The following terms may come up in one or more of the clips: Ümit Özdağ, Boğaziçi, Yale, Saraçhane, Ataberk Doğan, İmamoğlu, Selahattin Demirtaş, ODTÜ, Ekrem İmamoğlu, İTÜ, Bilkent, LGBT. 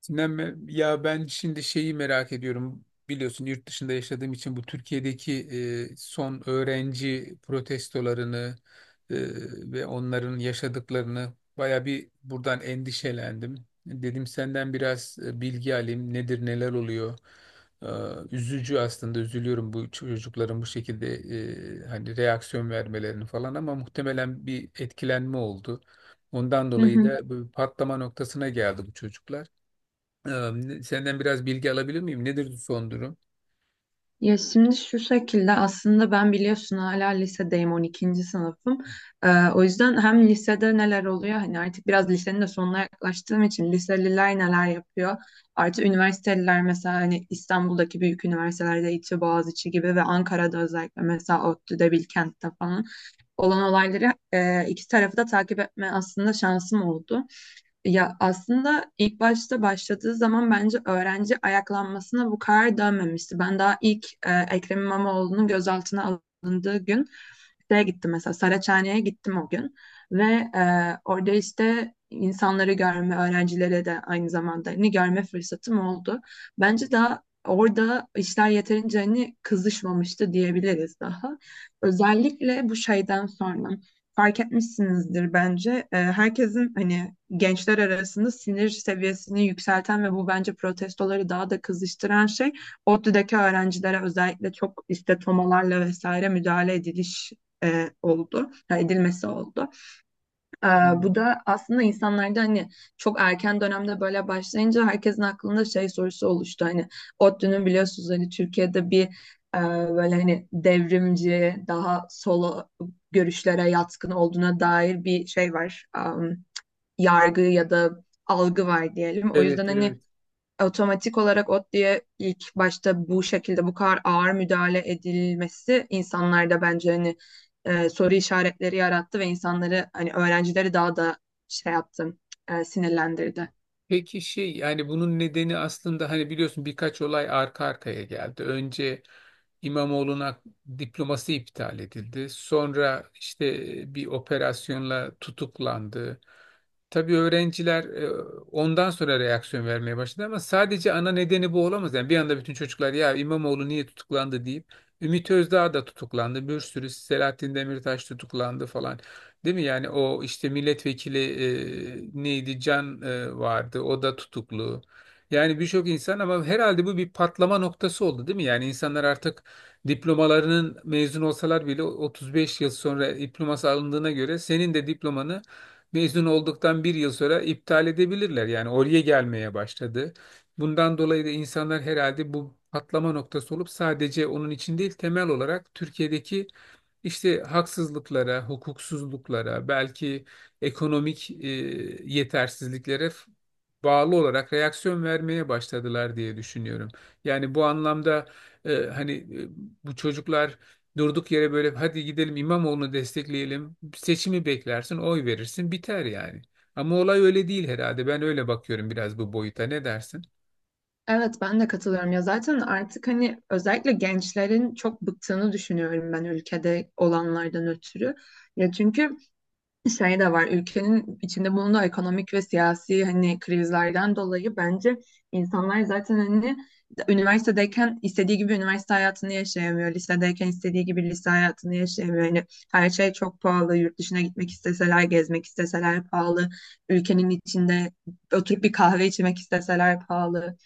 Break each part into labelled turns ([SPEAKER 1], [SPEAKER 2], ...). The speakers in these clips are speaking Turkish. [SPEAKER 1] Sinem, ya ben şimdi şeyi merak ediyorum. Biliyorsun yurt dışında yaşadığım için bu Türkiye'deki son öğrenci protestolarını e, ve onların yaşadıklarını baya bir buradan endişelendim. Dedim senden biraz bilgi alayım. Nedir, neler oluyor? E, üzücü aslında, üzülüyorum bu çocukların bu şekilde hani reaksiyon vermelerini falan, ama muhtemelen bir etkilenme oldu. Ondan
[SPEAKER 2] Hı
[SPEAKER 1] dolayı
[SPEAKER 2] hı.
[SPEAKER 1] da bu patlama noktasına geldi bu çocuklar. Senden biraz bilgi alabilir miyim? Nedir son durum?
[SPEAKER 2] Ya şimdi şu şekilde aslında ben biliyorsun hala lisedeyim 12. sınıfım. Ee, O yüzden hem lisede neler oluyor hani artık biraz lisenin de sonuna yaklaştığım için liseliler neler yapıyor. Artı üniversiteliler mesela hani İstanbul'daki büyük üniversitelerde İTÜ, Boğaziçi gibi ve Ankara'da özellikle mesela ODTÜ'de, Bilkent'te falan olan olayları iki tarafı da takip etme aslında şansım oldu. Ya aslında ilk başta başladığı zaman bence öğrenci ayaklanmasına bu kadar dönmemişti. Ben daha ilk Ekrem İmamoğlu'nun gözaltına alındığı gün şeye gittim mesela Saraçhane'ye gittim o gün ve orada işte insanları görme, öğrencilere de aynı zamanda hani görme fırsatım oldu. Bence daha orada işler yeterince hani kızışmamıştı diyebiliriz daha. Özellikle bu şeyden sonra fark etmişsinizdir bence. Herkesin hani gençler arasında sinir seviyesini yükselten ve bu bence protestoları daha da kızıştıran şey ODTÜ'deki öğrencilere özellikle çok işte tomalarla vesaire müdahale e, oldu, edilmesi oldu. Ee,
[SPEAKER 1] Tamam.
[SPEAKER 2] Bu da aslında insanlarda hani çok erken dönemde böyle başlayınca herkesin aklında şey sorusu oluştu. Hani ODTÜ'nün biliyorsunuz hani Türkiye'de bir e, böyle hani devrimci, daha sol görüşlere yatkın olduğuna dair bir şey var. Yargı ya da algı var diyelim. O yüzden
[SPEAKER 1] Evet,
[SPEAKER 2] hani
[SPEAKER 1] evet.
[SPEAKER 2] otomatik olarak ODTÜ'ye ilk başta bu şekilde bu kadar ağır müdahale edilmesi insanlarda bence hani soru işaretleri yarattı ve insanları hani öğrencileri daha da şey yaptı, sinirlendirdi.
[SPEAKER 1] Peki şey, yani bunun nedeni aslında hani biliyorsun birkaç olay arka arkaya geldi. Önce İmamoğlu'na diploması iptal edildi. Sonra işte bir operasyonla tutuklandı. Tabii öğrenciler ondan sonra reaksiyon vermeye başladı ama sadece ana nedeni bu olamaz. Yani bir anda bütün çocuklar ya İmamoğlu niye tutuklandı deyip Ümit Özdağ da tutuklandı. Bir sürü Selahattin Demirtaş tutuklandı falan. Değil mi? Yani o işte milletvekili, neydi Can vardı. O da tutuklu. Yani birçok insan, ama herhalde bu bir patlama noktası oldu değil mi? Yani insanlar artık diplomalarının, mezun olsalar bile 35 yıl sonra diploması alındığına göre senin de diplomanı mezun olduktan bir yıl sonra iptal edebilirler. Yani oraya gelmeye başladı. Bundan dolayı da insanlar herhalde bu patlama noktası olup sadece onun için değil, temel olarak Türkiye'deki işte haksızlıklara, hukuksuzluklara, belki ekonomik yetersizliklere bağlı olarak reaksiyon vermeye başladılar diye düşünüyorum. Yani bu anlamda hani bu çocuklar durduk yere böyle hadi gidelim İmamoğlu'nu destekleyelim, seçimi beklersin, oy verirsin, biter yani. Ama olay öyle değil herhalde. Ben öyle bakıyorum biraz bu boyuta. Ne dersin?
[SPEAKER 2] Evet, ben de katılıyorum ya zaten artık hani özellikle gençlerin çok bıktığını düşünüyorum ben ülkede olanlardan ötürü. Ya çünkü şey de var ülkenin içinde bulunduğu ekonomik ve siyasi hani krizlerden dolayı bence insanlar zaten hani üniversitedeyken istediği gibi üniversite hayatını yaşayamıyor. Lisedeyken istediği gibi lise hayatını yaşayamıyor. Yani her şey çok pahalı. Yurt dışına gitmek isteseler, gezmek isteseler pahalı. Ülkenin içinde oturup bir kahve içmek isteseler pahalı.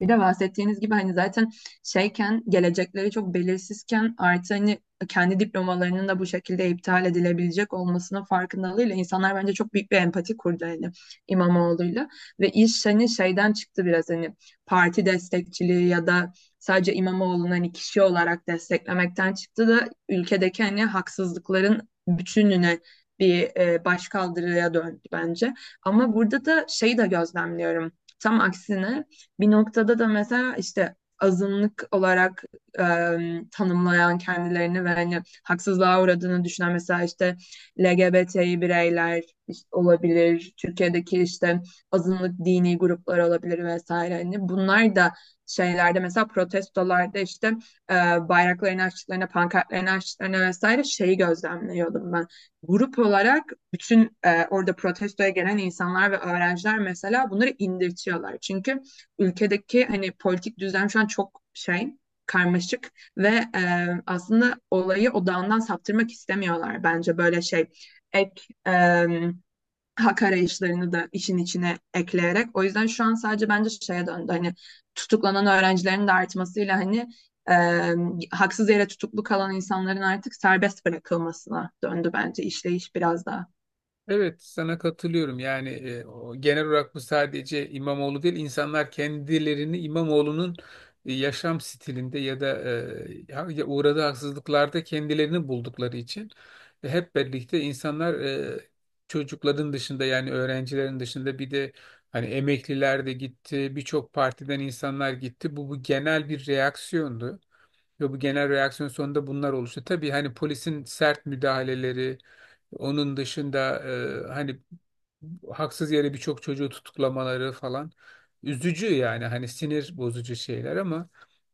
[SPEAKER 2] Bir de bahsettiğiniz gibi hani zaten şeyken gelecekleri çok belirsizken artı hani kendi diplomalarının da bu şekilde iptal edilebilecek olmasının farkındalığıyla insanlar bence çok büyük bir empati kurdu hani İmamoğlu'yla ve iş hani şeyden çıktı biraz hani parti destekçiliği ya da sadece İmamoğlu'nu hani kişi olarak desteklemekten çıktı da ülkedeki hani haksızlıkların bütününe bir başkaldırıya döndü bence. Ama burada da şeyi de gözlemliyorum. Tam aksine bir noktada da mesela işte azınlık olarak e, tanımlayan kendilerini ve hani haksızlığa uğradığını düşünen mesela işte LGBT'yi bireyler işte olabilir, Türkiye'deki işte azınlık dini gruplar olabilir vesaire. Hani bunlar da şeylerde mesela protestolarda işte e, bayraklarını açtıklarına, pankartlarını açtıklarına vesaire şeyi gözlemliyordum ben. Grup olarak bütün orada protestoya gelen insanlar ve öğrenciler mesela bunları indirtiyorlar. Çünkü ülkedeki hani politik düzen şu an çok şey karmaşık ve aslında olayı odağından saptırmak istemiyorlar bence böyle şey ek e, hak arayışlarını da işin içine ekleyerek. O yüzden şu an sadece bence şeye döndü. Hani tutuklanan öğrencilerin de artmasıyla hani haksız yere tutuklu kalan insanların artık serbest bırakılmasına döndü bence işleyiş biraz daha.
[SPEAKER 1] Evet, sana katılıyorum. Yani o, genel olarak bu sadece İmamoğlu değil, insanlar kendilerini İmamoğlu'nun yaşam stilinde ya da ya uğradığı haksızlıklarda kendilerini buldukları için hep birlikte insanlar, çocukların dışında yani öğrencilerin dışında, bir de hani emekliler de gitti, birçok partiden insanlar gitti. Bu genel bir reaksiyondu. Ve bu genel reaksiyon sonunda bunlar oluştu. Tabii hani polisin sert müdahaleleri, onun dışında hani haksız yere birçok çocuğu tutuklamaları falan üzücü, yani hani sinir bozucu şeyler, ama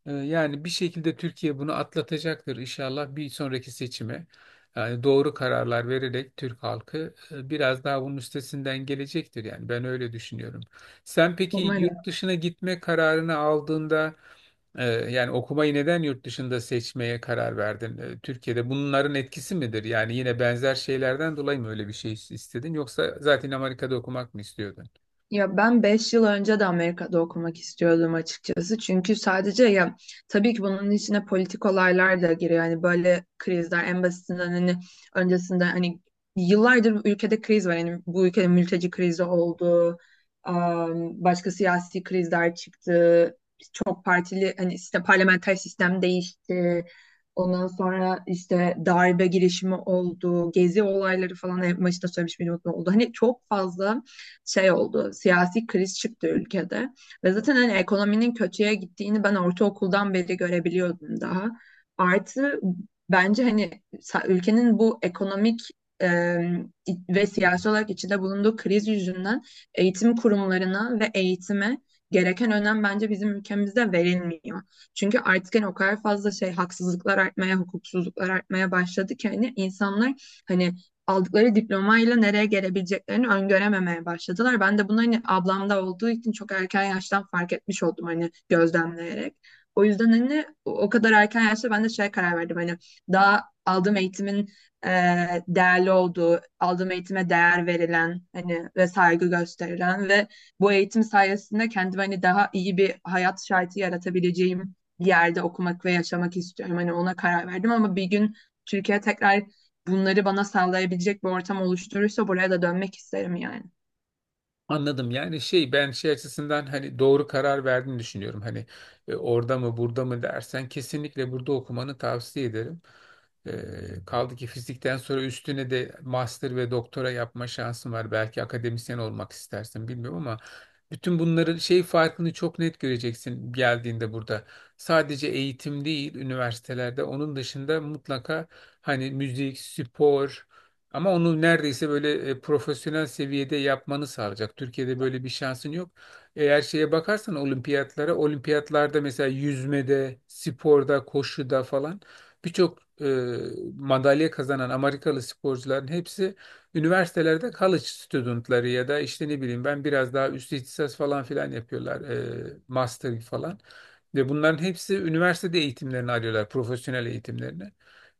[SPEAKER 1] yani bir şekilde Türkiye bunu atlatacaktır inşallah bir sonraki seçime. Yani doğru kararlar vererek Türk halkı biraz daha bunun üstesinden gelecektir, yani ben öyle düşünüyorum. Sen peki
[SPEAKER 2] Umarım.
[SPEAKER 1] yurt dışına gitme kararını aldığında yani okumayı neden yurt dışında seçmeye karar verdin? Türkiye'de bunların etkisi midir? Yani yine benzer şeylerden dolayı mı öyle bir şey istedin? Yoksa zaten Amerika'da okumak mı istiyordun?
[SPEAKER 2] Ya ben 5 yıl önce de Amerika'da okumak istiyordum açıkçası. Çünkü sadece ya tabii ki bunun içine politik olaylar da giriyor. Yani böyle krizler en basitinden hani öncesinde hani yıllardır bu ülkede kriz var. Yani bu ülkede mülteci krizi oldu. Başka siyasi krizler çıktı çok partili hani işte parlamenter sistem değişti. Ondan sonra işte darbe girişimi oldu, gezi olayları falan en başta söylemiş miydim unutma oldu. Hani çok fazla şey oldu, siyasi kriz çıktı ülkede. Ve zaten hani ekonominin kötüye gittiğini ben ortaokuldan beri görebiliyordum daha. Artı bence hani ülkenin bu ekonomik e, ve siyasi olarak içinde bulunduğu kriz yüzünden eğitim kurumlarına ve eğitime gereken önem bence bizim ülkemizde verilmiyor. Çünkü artık hani o kadar fazla şey haksızlıklar artmaya, hukuksuzluklar artmaya başladı ki hani insanlar hani aldıkları diplomayla nereye gelebileceklerini öngörememeye başladılar. Ben de bunu hani ablamda olduğu için çok erken yaştan fark etmiş oldum hani gözlemleyerek. O yüzden hani o kadar erken yaşta ben de şey karar verdim hani daha aldığım eğitimin e, değerli olduğu, aldığım eğitime değer verilen hani ve saygı gösterilen ve bu eğitim sayesinde kendime hani daha iyi bir hayat şartı yaratabileceğim bir yerde okumak ve yaşamak istiyorum. Hani ona karar verdim ama bir gün Türkiye tekrar bunları bana sağlayabilecek bir ortam oluşturursa buraya da dönmek isterim yani.
[SPEAKER 1] Anladım. Yani şey, ben şey açısından hani doğru karar verdiğini düşünüyorum. Hani orada mı burada mı dersen, kesinlikle burada okumanı tavsiye ederim. Kaldı ki fizikten sonra üstüne de master ve doktora yapma şansın var. Belki akademisyen olmak istersin bilmiyorum ama bütün bunların şey farkını çok net göreceksin geldiğinde burada. Sadece eğitim değil, üniversitelerde onun dışında mutlaka hani müzik, spor, ama onu neredeyse böyle profesyonel seviyede yapmanı sağlayacak. Türkiye'de böyle bir şansın yok. Eğer şeye bakarsan olimpiyatlara, olimpiyatlarda mesela yüzmede, sporda, koşuda falan, birçok madalya kazanan Amerikalı sporcuların hepsi üniversitelerde college studentları ya da işte ne bileyim ben biraz daha üst ihtisas falan filan yapıyorlar. E, master falan. Ve bunların hepsi üniversitede eğitimlerini arıyorlar, profesyonel eğitimlerini.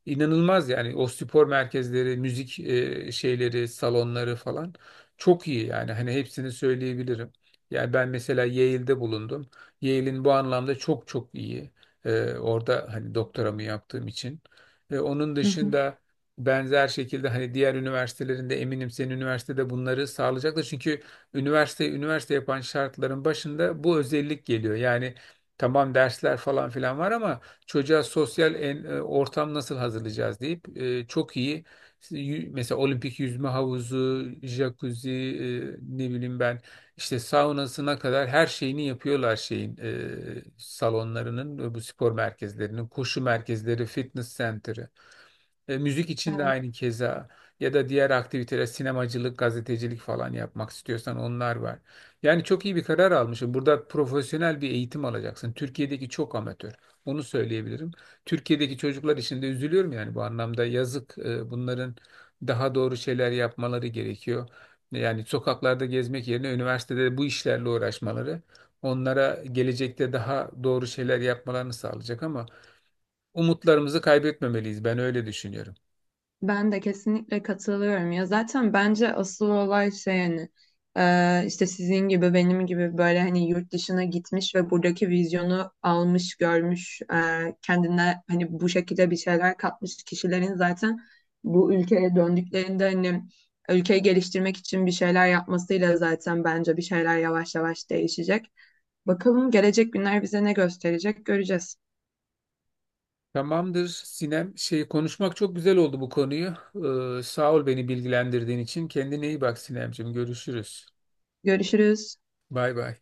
[SPEAKER 1] İnanılmaz yani, o spor merkezleri, müzik şeyleri, salonları falan çok iyi, yani hani hepsini söyleyebilirim. Yani ben mesela Yale'de bulundum. Yale'in bu anlamda çok çok iyi. E, orada hani doktoramı yaptığım için. E, onun
[SPEAKER 2] Hı hı.
[SPEAKER 1] dışında benzer şekilde hani diğer üniversitelerinde, eminim senin üniversitede bunları sağlayacaktır. Çünkü üniversite üniversite yapan şartların başında bu özellik geliyor. Yani tamam dersler falan filan var ama çocuğa sosyal ortam nasıl hazırlayacağız deyip çok iyi işte mesela olimpik yüzme havuzu, jacuzzi, ne bileyim ben işte saunasına kadar her şeyini yapıyorlar şeyin, salonlarının, bu spor merkezlerinin, koşu merkezleri, fitness center'ı. E, müzik için de
[SPEAKER 2] Evet.
[SPEAKER 1] aynı keza, ya da diğer aktiviteler sinemacılık, gazetecilik falan yapmak istiyorsan onlar var. Yani çok iyi bir karar almışım. Burada profesyonel bir eğitim alacaksın. Türkiye'deki çok amatör. Onu söyleyebilirim. Türkiye'deki çocuklar için de üzülüyorum yani bu anlamda, yazık. E, bunların daha doğru şeyler yapmaları gerekiyor. Yani sokaklarda gezmek yerine üniversitede bu işlerle uğraşmaları onlara gelecekte daha doğru şeyler yapmalarını sağlayacak, ama umutlarımızı kaybetmemeliyiz. Ben öyle düşünüyorum.
[SPEAKER 2] Ben de kesinlikle katılıyorum ya zaten bence asıl olay şey hani işte sizin gibi benim gibi böyle hani yurt dışına gitmiş ve buradaki vizyonu almış görmüş kendine hani bu şekilde bir şeyler katmış kişilerin zaten bu ülkeye döndüklerinde hani ülkeyi geliştirmek için bir şeyler yapmasıyla zaten bence bir şeyler yavaş yavaş değişecek. Bakalım gelecek günler bize ne gösterecek göreceğiz.
[SPEAKER 1] Tamamdır Sinem. Şey, konuşmak çok güzel oldu bu konuyu. Sağ ol beni bilgilendirdiğin için. Kendine iyi bak Sinemciğim. Görüşürüz.
[SPEAKER 2] Görüşürüz.
[SPEAKER 1] Bay bay.